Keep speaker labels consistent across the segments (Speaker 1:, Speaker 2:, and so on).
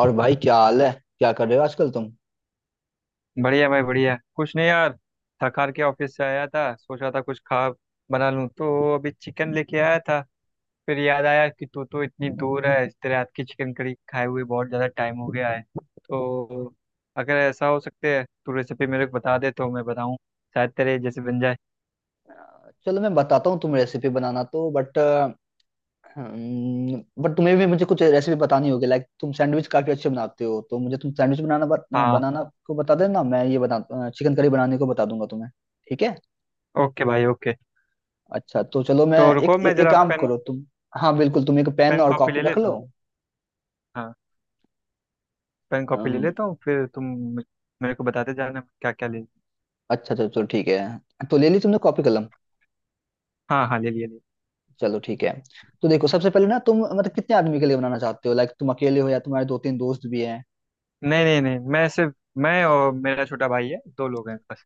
Speaker 1: और भाई, क्या हाल है? क्या कर रहे हो आजकल तुम?
Speaker 2: बढ़िया भाई, बढ़िया। कुछ नहीं यार, थक हार के ऑफिस से आया था, सोचा था कुछ खा बना लूं, तो अभी चिकन लेके आया था। फिर याद आया कि तू तो इतनी दूर है, तेरे हाथ की चिकन करी खाए हुए बहुत ज़्यादा टाइम हो गया है। तो अगर ऐसा हो सकते है तू रेसिपी मेरे को बता दे तो मैं बताऊं, शायद तेरे जैसे बन जाए।
Speaker 1: चलो मैं बताता हूँ, तुम रेसिपी बनाना। तो बट तुम्हें भी मुझे कुछ रेसिपी बतानी होगी। लाइक तुम सैंडविच काफी अच्छे बनाते हो, तो मुझे तुम सैंडविच
Speaker 2: हाँ।
Speaker 1: बनाना को बता देना, मैं ये बना चिकन करी बनाने को बता दूंगा तुम्हें। ठीक है?
Speaker 2: ओके भाई, ओके।
Speaker 1: अच्छा, तो चलो मैं
Speaker 2: तो
Speaker 1: एक
Speaker 2: रुको मैं
Speaker 1: एक, एक
Speaker 2: ज़रा
Speaker 1: काम
Speaker 2: पेन
Speaker 1: करो तुम। हाँ, बिल्कुल तुम एक पेन
Speaker 2: पेन
Speaker 1: और
Speaker 2: कॉपी
Speaker 1: कॉपी
Speaker 2: ले
Speaker 1: रख
Speaker 2: लेता
Speaker 1: लो।
Speaker 2: हूँ। हाँ, पेन कॉपी ले
Speaker 1: अम्म,
Speaker 2: लेता हूँ, फिर तुम मेरे को बताते जाना क्या क्या ले।
Speaker 1: अच्छा, चलो चलो, ठीक है। तो ले ली तुमने कॉपी कलम?
Speaker 2: हाँ हाँ, ले लिया ले लिया।
Speaker 1: चलो ठीक है। तो देखो, सबसे पहले ना तुम मतलब कितने आदमी के लिए बनाना चाहते हो? लाइक तुम अकेले हो या तुम्हारे दो तीन दोस्त भी हैं?
Speaker 2: नहीं नहीं नहीं, मैं और मेरा छोटा भाई है, दो लोग हैं बस।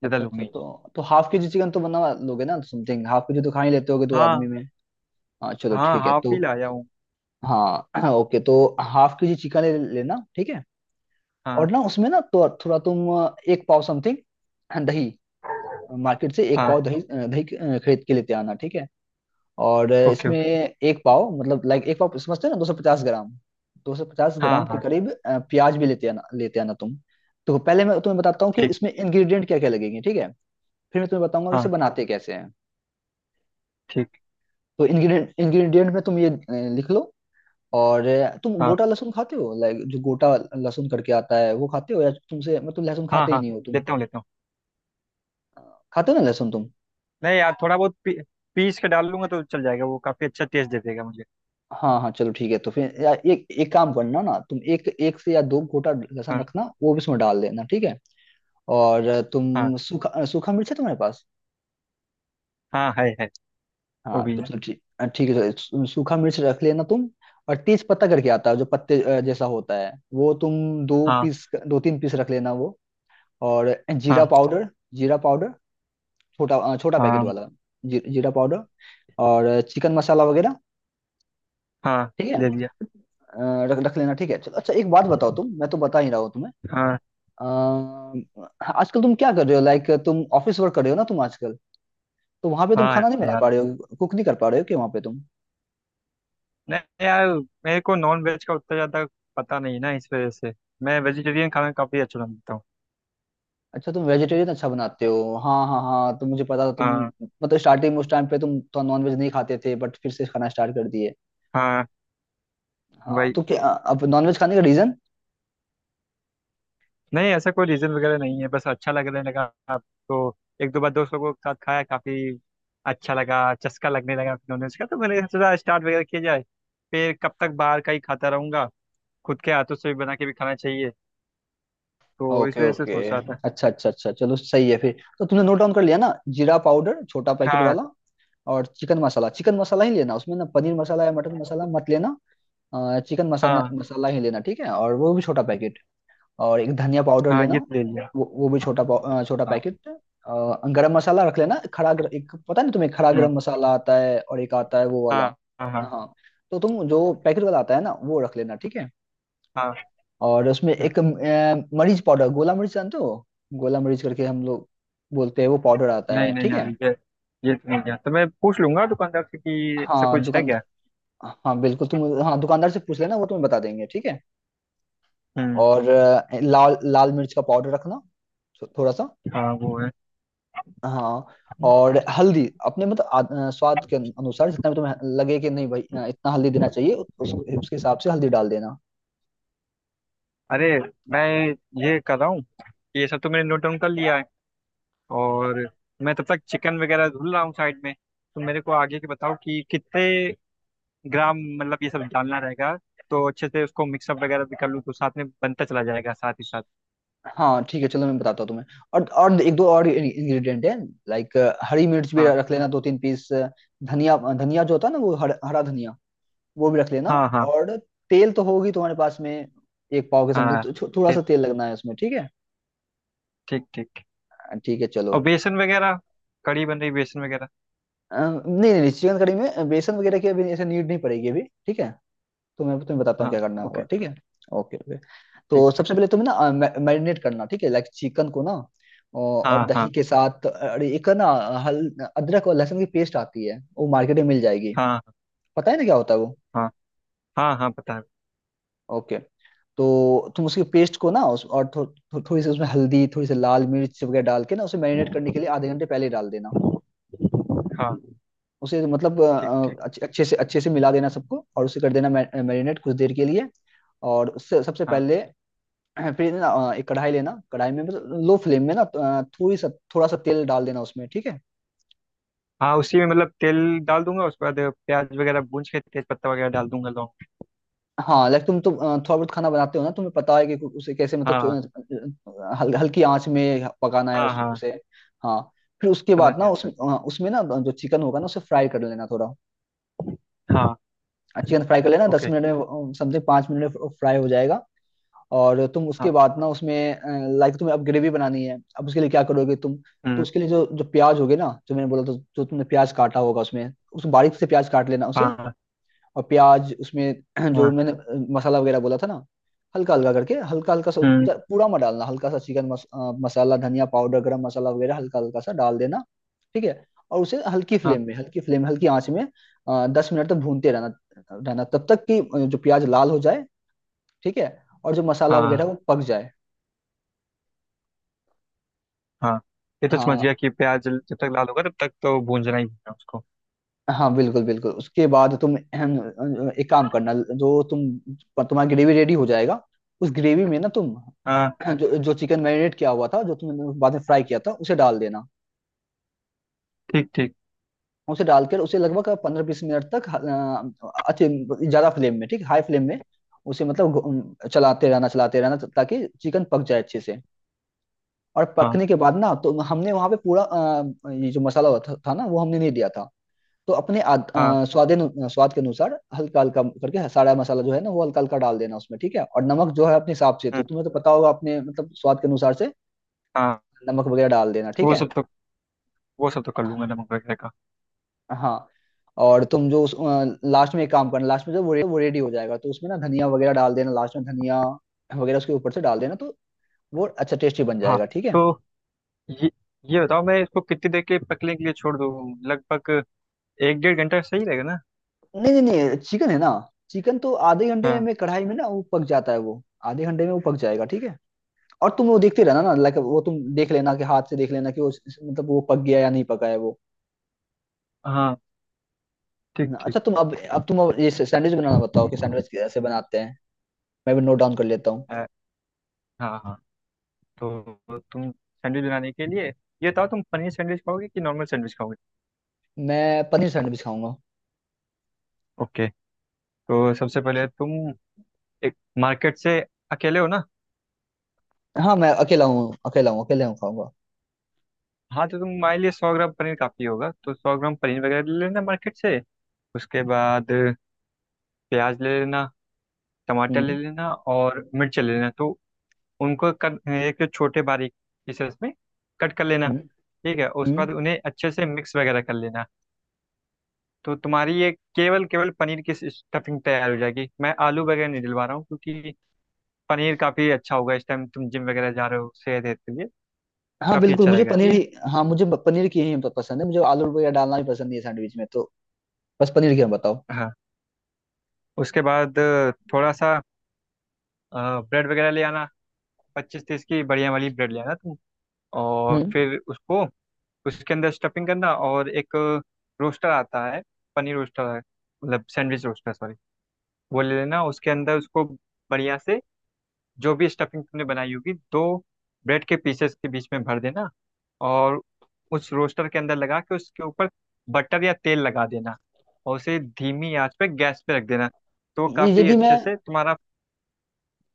Speaker 2: ज्यादा
Speaker 1: अच्छा
Speaker 2: लोग
Speaker 1: अच्छा।
Speaker 2: नहीं हैं।
Speaker 1: तो हाफ के जी चिकन तो बना लोगे ना? समथिंग हाफ के जी तो खा ही लेते होगे दो आदमी
Speaker 2: हाँ।
Speaker 1: में। हाँ, चलो
Speaker 2: हाँ,
Speaker 1: ठीक है
Speaker 2: हाफ
Speaker 1: तो।
Speaker 2: ही लाया हूँ।
Speaker 1: हाँ ओके। तो हाफ के जी चिकन ले लेना, ठीक है।
Speaker 2: हाँ।
Speaker 1: और ना उसमें ना तो थोड़ा तुम एक पाव समथिंग दही, मार्केट से एक
Speaker 2: हाँ,
Speaker 1: पाव दही खरीद के लेते आना, ठीक है। और
Speaker 2: ओके
Speaker 1: इसमें
Speaker 2: ओके।
Speaker 1: एक पाव मतलब लाइक एक पाव समझते हैं ना? 250 ग्राम, दो सौ पचास
Speaker 2: हाँ
Speaker 1: ग्राम के
Speaker 2: हाँ,
Speaker 1: करीब प्याज भी लेते आना तुम। तो पहले मैं तुम्हें बताता हूँ कि
Speaker 2: ठीक।
Speaker 1: इसमें इंग्रेडिएंट क्या क्या लगेंगे, ठीक है। फिर मैं तुम्हें बताऊंगा कि इसे
Speaker 2: हाँ,
Speaker 1: बनाते कैसे हैं।
Speaker 2: ठीक।
Speaker 1: तो इंग्रेडिएंट इंग्रेडिएंट में तुम ये लिख लो। और तुम
Speaker 2: हाँ
Speaker 1: गोटा लहसुन खाते हो? लाइक जो गोटा लहसुन करके आता है वो खाते हो, या तुमसे मतलब लहसुन
Speaker 2: हाँ
Speaker 1: खाते ही
Speaker 2: हाँ,
Speaker 1: नहीं हो तुम?
Speaker 2: लेता हूँ लेता हूँ।
Speaker 1: खाते हो ना लहसुन तुम?
Speaker 2: नहीं यार, थोड़ा बहुत पीस के डाल लूंगा तो चल जाएगा, वो काफी अच्छा टेस्ट दे देगा मुझे।
Speaker 1: हाँ हाँ, चलो ठीक है। तो फिर या एक एक काम करना ना तुम, एक एक से या दो गोटा लहसुन
Speaker 2: हाँ।
Speaker 1: रखना, वो भी उसमें डाल देना, ठीक है। और
Speaker 2: हाँ,
Speaker 1: तुम सूखा मिर्च है तुम्हारे पास?
Speaker 2: हाँ है है। वो
Speaker 1: हाँ
Speaker 2: भी
Speaker 1: तो
Speaker 2: है।
Speaker 1: चलो, ठीक है, चलो, सूखा मिर्च रख लेना तुम। और तेज पत्ता करके आता है, जो पत्ते जैसा होता है वो तुम दो
Speaker 2: हाँ
Speaker 1: पीस, दो तीन पीस रख लेना वो। और जीरा
Speaker 2: हाँ
Speaker 1: पाउडर, जीरा पाउडर, छोटा पैकेट
Speaker 2: हाँ।
Speaker 1: वाला, जी, जीरा पाउडर। और चिकन मसाला वगैरह,
Speaker 2: हाँ,
Speaker 1: ठीक है,
Speaker 2: ले लिया।
Speaker 1: रख रख लेना, ठीक है, चलो। अच्छा, एक बात बताओ तुम, मैं तो बता ही रहा हूँ तुम्हें,
Speaker 2: हाँ
Speaker 1: अ, आजकल तुम क्या कर रहे हो? लाइक तुम ऑफिस वर्क कर रहे हो ना तुम आजकल? तो वहां पे तुम
Speaker 2: हाँ।
Speaker 1: खाना नहीं बना पा
Speaker 2: यार।
Speaker 1: रहे हो, कुक नहीं कर पा रहे हो, कि वहां पे तुम?
Speaker 2: नहीं यार, मेरे को नॉन वेज का उतना ज्यादा पता नहीं ना, इस वजह से मैं वेजिटेरियन खाना काफी अच्छा बनाता हूँ।
Speaker 1: अच्छा, तुम वेजिटेरियन अच्छा बनाते हो, हाँ हाँ हाँ, तो मुझे पता था तुम
Speaker 2: हाँ
Speaker 1: मतलब स्टार्टिंग में उस टाइम पे तुम तो नॉनवेज नहीं खाते थे, बट फिर से खाना स्टार्ट कर दिए।
Speaker 2: हाँ।
Speaker 1: हाँ,
Speaker 2: वही।
Speaker 1: तो क्या अब नॉनवेज खाने का रीजन?
Speaker 2: नहीं, ऐसा कोई रीजन वगैरह नहीं है, बस अच्छा लगने लगा आपको। एक दो बार दोस्त लोगों के साथ खाया, काफी अच्छा लगा, चस्का लगने लगा नॉनवेज का, तो मैंने सोचा स्टार्ट वगैरह किया जाए। फिर कब तक बाहर का ही खाता रहूंगा, खुद के हाथों से भी बना के भी खाना चाहिए, तो इस
Speaker 1: ओके
Speaker 2: वजह से
Speaker 1: ओके,
Speaker 2: सोच रहा था।
Speaker 1: अच्छा अच्छा अच्छा, चलो सही है। फिर तो तुमने नोट डाउन कर लिया ना? जीरा पाउडर छोटा पैकेट
Speaker 2: हाँ
Speaker 1: वाला, और चिकन मसाला, चिकन मसाला ही लेना, उसमें ना पनीर मसाला या मटन मसाला मत लेना। चिकन मसाला
Speaker 2: हाँ
Speaker 1: मसाला ही लेना, ठीक है, और वो भी छोटा पैकेट। और एक धनिया पाउडर
Speaker 2: हाँ, ये
Speaker 1: लेना,
Speaker 2: तो ले लिया।
Speaker 1: वो भी छोटा
Speaker 2: हाँ।
Speaker 1: पैकेट। गरम मसाला रख लेना, एक पता नहीं तुम्हें, खड़ा
Speaker 2: हम्म,
Speaker 1: गरम मसाला आता है और एक आता है वो
Speaker 2: हाँ
Speaker 1: वाला,
Speaker 2: हाँ हाँ।
Speaker 1: हाँ। तो तुम जो पैकेट वाला आता है ना वो रख लेना, ठीक है।
Speaker 2: हाँ,
Speaker 1: और उसमें
Speaker 2: ठीक।
Speaker 1: एक मरीच पाउडर, गोला मरीच जानते हो? गोला मरीच करके हम लोग बोलते हैं, वो पाउडर आता है,
Speaker 2: नहीं नहीं
Speaker 1: ठीक
Speaker 2: यार,
Speaker 1: है।
Speaker 2: ये तो नहीं गया, तो मैं पूछ लूंगा दुकानदार से कि ऐसा
Speaker 1: हाँ
Speaker 2: कुछ है क्या।
Speaker 1: दुकानदार, हाँ बिल्कुल, तुम हाँ दुकानदार से पूछ लेना, वो तुम्हें बता देंगे, ठीक है।
Speaker 2: हम्म।
Speaker 1: और लाल लाल मिर्च का पाउडर रखना, थोड़ा सा।
Speaker 2: हाँ, वो है।
Speaker 1: हाँ। और हल्दी अपने मतलब स्वाद के अनुसार, जितना भी तुम्हें लगे कि नहीं भाई इतना हल्दी देना चाहिए, उस उसके हिसाब से हल्दी डाल देना।
Speaker 2: अरे, मैं ये कर रहा हूँ, ये सब तो मैंने नोट डाउन कर लिया है। और मैं तब तक चिकन वगैरह धुल रहा हूँ साइड में, तो मेरे को आगे के बताओ कि कितने ग्राम मतलब ये सब डालना रहेगा, तो अच्छे से उसको मिक्सअप वगैरह भी कर लूँ तो साथ में बनता चला जाएगा साथ ही साथ।
Speaker 1: हाँ, ठीक है, चलो, मैं बताता हूँ तुम्हें। और एक दो और इंग्रेडिएंट है, लाइक हरी मिर्च भी
Speaker 2: हाँ
Speaker 1: रख लेना दो तीन पीस, धनिया, धनिया जो होता है ना वो हरा धनिया, वो भी रख लेना।
Speaker 2: हाँ। हाँ
Speaker 1: और तेल तो होगी तुम्हारे पास में, एक पाव के समथिंग
Speaker 2: हाँ,
Speaker 1: तो थोड़ा
Speaker 2: ठीक
Speaker 1: सा तेल लगना है उसमें, ठीक है।
Speaker 2: ठीक ठीक।
Speaker 1: ठीक है, चलो।
Speaker 2: और बेसन वगैरह, कड़ी बन रही, बेसन वगैरह।
Speaker 1: अ, नहीं नहीं, चिकन कड़ी में बेसन वगैरह की अभी ऐसे नीड नहीं पड़ेगी अभी, ठीक है। तो मैं तुम्हें बताता हूँ
Speaker 2: हाँ।
Speaker 1: क्या करना
Speaker 2: ओके।
Speaker 1: होगा, ठीक है। Okay okay.
Speaker 2: ठीक
Speaker 1: तो
Speaker 2: ठीक।
Speaker 1: सबसे पहले तुम्हें ना मैरिनेट करना, ठीक है, लाइक चिकन को ना, और हाँ,
Speaker 2: हाँ
Speaker 1: दही
Speaker 2: हाँ
Speaker 1: के साथ, अरे एक ना हल, अदरक और लहसुन की पेस्ट आती है, वो मार्केट में मिल जाएगी।
Speaker 2: हाँ
Speaker 1: पता है ना क्या होता है वो?
Speaker 2: हाँ हाँ। हाँ, पता है।
Speaker 1: ओके। तो तुम उसकी पेस्ट को ना उस, और थो, थो, थोड़ी सी उसमें हल्दी, थोड़ी सी लाल मिर्च वगैरह डाल के ना, उसे मैरिनेट करने के लिए आधे घंटे पहले डाल देना।
Speaker 2: हाँ,
Speaker 1: उसे मतलब
Speaker 2: ठीक ठीक।
Speaker 1: अच्छे अच्छे से मिला देना सबको, और उसे कर देना मैरिनेट कुछ देर के लिए। और उससे सबसे
Speaker 2: हाँ
Speaker 1: पहले, फिर ना एक कढ़ाई लेना, कढ़ाई में बस लो फ्लेम में ना थोड़ी सा थोड़ा सा तेल डाल देना उसमें, ठीक है।
Speaker 2: हाँ, उसी में मतलब तेल डाल दूंगा, उसके बाद प्याज वगैरह भून के तेज पत्ता वगैरह डाल दूंगा, लौंग।
Speaker 1: हाँ, लाइक तुम तो थोड़ा बहुत खाना बनाते हो ना, तुम्हें पता है कि उसे कैसे मतलब
Speaker 2: हाँ
Speaker 1: हल्की आंच में पकाना है
Speaker 2: हाँ हाँ,
Speaker 1: उसे, हाँ। फिर उसके
Speaker 2: समझ
Speaker 1: बाद ना
Speaker 2: गया समझ
Speaker 1: उसमें ना जो चिकन होगा ना उसे फ्राई कर लेना थोड़ा।
Speaker 2: गया। हाँ।
Speaker 1: चिकन फ्राई कर लेना, दस
Speaker 2: ओके।
Speaker 1: मिनट में समथिंग, 5 मिनट में फ्राई हो जाएगा। और तुम उसके
Speaker 2: हाँ।
Speaker 1: बाद ना उसमें, लाइक तुम्हें अब ग्रेवी बनानी है, अब उसके लिए क्या करोगे तुम? तो
Speaker 2: हम्म।
Speaker 1: उसके लिए जो जो प्याज होगे ना, जो मैंने बोला, तो जो तुमने प्याज काटा होगा उसमें, उस बारीक से प्याज काट लेना उसे।
Speaker 2: हाँ
Speaker 1: और प्याज उसमें जो
Speaker 2: हाँ।
Speaker 1: मैंने मसाला वगैरह बोला था ना, हल्का हल्का करके, हल्का हल्का सा,
Speaker 2: हम्म।
Speaker 1: पूरा मत डालना, हल्का सा मसाला, धनिया पाउडर, गरम मसाला वगैरह हल्का हल्का सा डाल देना, ठीक है। और उसे हल्की
Speaker 2: हाँ
Speaker 1: फ्लेम में, हल्की फ्लेम, हल्की आंच में, 10 मिनट तक भूनते रहना रहना, तब तक कि जो प्याज लाल हो जाए, ठीक है, और जो मसाला वगैरह
Speaker 2: हाँ
Speaker 1: वो पक जाए।
Speaker 2: हाँ। ये तो समझ
Speaker 1: हाँ,
Speaker 2: गया कि प्याज जब तक लाल होगा तब तक तो भूंजना ही भूंजना उसको।
Speaker 1: हाँ बिल्कुल बिल्कुल। उसके बाद तुम एक काम करना, जो तुम, तुम्हारा ग्रेवी रेडी हो जाएगा। उस ग्रेवी में ना तुम
Speaker 2: हाँ,
Speaker 1: जो जो चिकन मैरिनेट किया हुआ था, जो तुमने बाद में फ्राई किया था, उसे डाल देना।
Speaker 2: ठीक ठीक।
Speaker 1: उसे डालकर उसे लगभग 15-20 मिनट तक अच्छे, ज्यादा फ्लेम में, ठीक हाई फ्लेम में, उसे मतलब चलाते रहना, चलाते रहना, ताकि चिकन पक जाए अच्छे से। और
Speaker 2: हाँ
Speaker 1: पकने के बाद ना, तो हमने वहां पे पूरा ये जो मसाला हुआ था ना, वो हमने नहीं दिया था। तो अपने
Speaker 2: हाँ।
Speaker 1: स्वाद के अनुसार हल्का हल्का करके सारा मसाला जो है ना वो हल्का हल्का डाल देना उसमें, ठीक है, और नमक जो है अपने हिसाब से, तो
Speaker 2: हम्म,
Speaker 1: तुम्हें तो पता होगा अपने मतलब स्वाद के अनुसार से
Speaker 2: हाँ।
Speaker 1: नमक वगैरह डाल देना, ठीक
Speaker 2: वो
Speaker 1: है।
Speaker 2: सब तो वो सब तो कर लूंगा, नमक वगैरह का।
Speaker 1: हाँ, और तुम जो उस लास्ट में एक काम करना, लास्ट में जब वो वो रेडी हो जाएगा तो उसमें ना धनिया वगैरह डाल देना, लास्ट में धनिया वगैरह उसके ऊपर से डाल देना, तो वो अच्छा टेस्टी बन
Speaker 2: हाँ।
Speaker 1: जाएगा, ठीक
Speaker 2: तो
Speaker 1: है।
Speaker 2: ये ये बताओ, मैं इसको कितनी देर के पकने के लिए छोड़ दूँ? लगभग एक डेढ़ घंटा सही रहेगा ना?
Speaker 1: नहीं नहीं नहीं, चिकन है ना, चिकन तो आधे घंटे
Speaker 2: हाँ
Speaker 1: में कढ़ाई में ना वो पक जाता है वो, आधे घंटे में वो पक जाएगा, ठीक है। और तुम वो देखते रहना ना, लाइक वो तुम देख लेना कि हाथ से देख लेना कि वो मतलब वो पक गया या नहीं पका है वो।
Speaker 2: हाँ, ठीक ठीक।
Speaker 1: अच्छा, तुम अब ये सैंडविच बनाना बताओ कि सैंडविच कैसे बनाते हैं, मैं भी नोट डाउन कर लेता हूँ।
Speaker 2: अ, हाँ हाँ, तो तुम सैंडविच बनाने के लिए ये बताओ, तुम पनीर सैंडविच खाओगे कि नॉर्मल सैंडविच खाओगे?
Speaker 1: मैं पनीर सैंडविच खाऊंगा।
Speaker 2: ओके। तो सबसे पहले तुम एक मार्केट से, अकेले हो ना?
Speaker 1: हाँ मैं अकेला हूँ, अकेला हूँ, अकेला हूँ, खाऊंगा।
Speaker 2: हाँ, तो तुम्हारे लिए 100 ग्राम पनीर काफ़ी होगा, तो 100 ग्राम पनीर वगैरह ले लेना मार्केट से। उसके बाद प्याज ले लेना, टमाटर ले
Speaker 1: हम्म,
Speaker 2: लेना और मिर्च ले लेना। तो उनको एक छोटे बारीक पीसेस में कट कर लेना।
Speaker 1: हम्म,
Speaker 2: ठीक है, उसके
Speaker 1: हम्म।
Speaker 2: बाद उन्हें अच्छे से मिक्स वगैरह कर लेना। तो तुम्हारी ये केवल केवल पनीर की स्टफिंग तैयार हो जाएगी। मैं आलू वगैरह नहीं डलवा रहा हूँ क्योंकि पनीर काफ़ी अच्छा होगा। इस टाइम तुम जिम वगैरह जा रहे हो सेहत हेतु के लिए,
Speaker 1: हाँ
Speaker 2: काफ़ी
Speaker 1: बिल्कुल,
Speaker 2: अच्छा
Speaker 1: मुझे
Speaker 2: रहेगा, ठीक
Speaker 1: पनीर
Speaker 2: है
Speaker 1: ही।
Speaker 2: ना?
Speaker 1: हाँ, मुझे पनीर की ही पसंद है, मुझे आलू वगैरह डालना भी पसंद नहीं है सैंडविच में, तो बस पनीर की हम बताओ।
Speaker 2: हाँ। उसके बाद थोड़ा सा ब्रेड वगैरह ले आना, 25-30 की बढ़िया वाली ब्रेड ले आना तुम। और
Speaker 1: हम्म,
Speaker 2: फिर उसको उसके अंदर स्टफिंग करना, और एक रोस्टर आता है, पनीर रोस्टर है, मतलब सैंडविच रोस्टर, सॉरी। वो ले लेना, उसके अंदर उसको बढ़िया से, जो भी स्टफिंग तुमने बनाई होगी दो ब्रेड के पीसेस के बीच में भर देना। और उस रोस्टर के अंदर लगा के, उसके ऊपर बटर या तेल लगा देना, और उसे धीमी आंच पे गैस पे रख देना, तो काफ़ी
Speaker 1: यदि मैं
Speaker 2: अच्छे से तुम्हारा।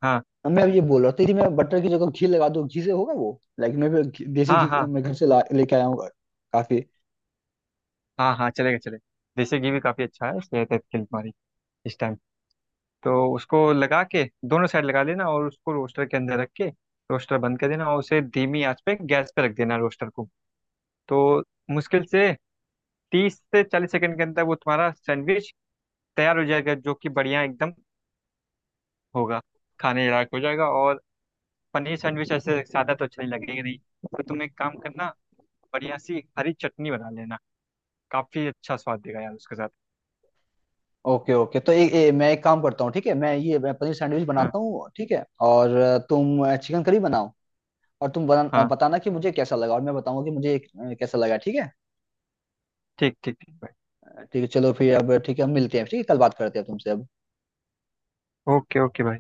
Speaker 2: हाँ।
Speaker 1: मैं अब ये बोल रहा था, यदि मैं बटर की जगह घी लगा दूं, घी से होगा वो? लाइक मैं भी देसी
Speaker 2: हाँ
Speaker 1: घी
Speaker 2: हाँ
Speaker 1: मैं घर से ला लेके आया हूँ, काफी।
Speaker 2: हाँ, हाँ चलेगा चलेगा, देसी घी भी काफ़ी अच्छा है सेहत है के लिए हमारी, इस टाइम। तो उसको लगा के दोनों साइड लगा लेना, और उसको रोस्टर के अंदर रख के रोस्टर बंद कर देना, और उसे धीमी आंच पे गैस पे रख देना रोस्टर को। तो मुश्किल से 30 से 40 सेकंड के अंदर वो तुम्हारा सैंडविच तैयार हो जाएगा, जो कि बढ़िया एकदम होगा, खाने लायक हो जाएगा। और पनीर सैंडविच ऐसे सादा तो अच्छा नहीं लगेगा, नहीं तो तुम एक काम करना, बढ़िया सी हरी चटनी बना लेना, काफ़ी अच्छा स्वाद देगा यार उसके साथ।
Speaker 1: ओके ओके, तो ए, ए, मैं एक काम करता हूँ, ठीक है, मैं ये, मैं पनीर सैंडविच
Speaker 2: हाँ
Speaker 1: बनाता हूँ, ठीक है, और तुम चिकन करी बनाओ, और तुम
Speaker 2: हाँ,
Speaker 1: बताना कि मुझे कैसा लगा, और मैं बताऊंगा कि मुझे कैसा लगा, ठीक है।
Speaker 2: ठीक ठीक ठीक।
Speaker 1: ठीक है, चलो, फिर अब ठीक है, हम मिलते हैं, ठीक है, कल बात करते हैं तुमसे अब।
Speaker 2: ओके ओके भाई।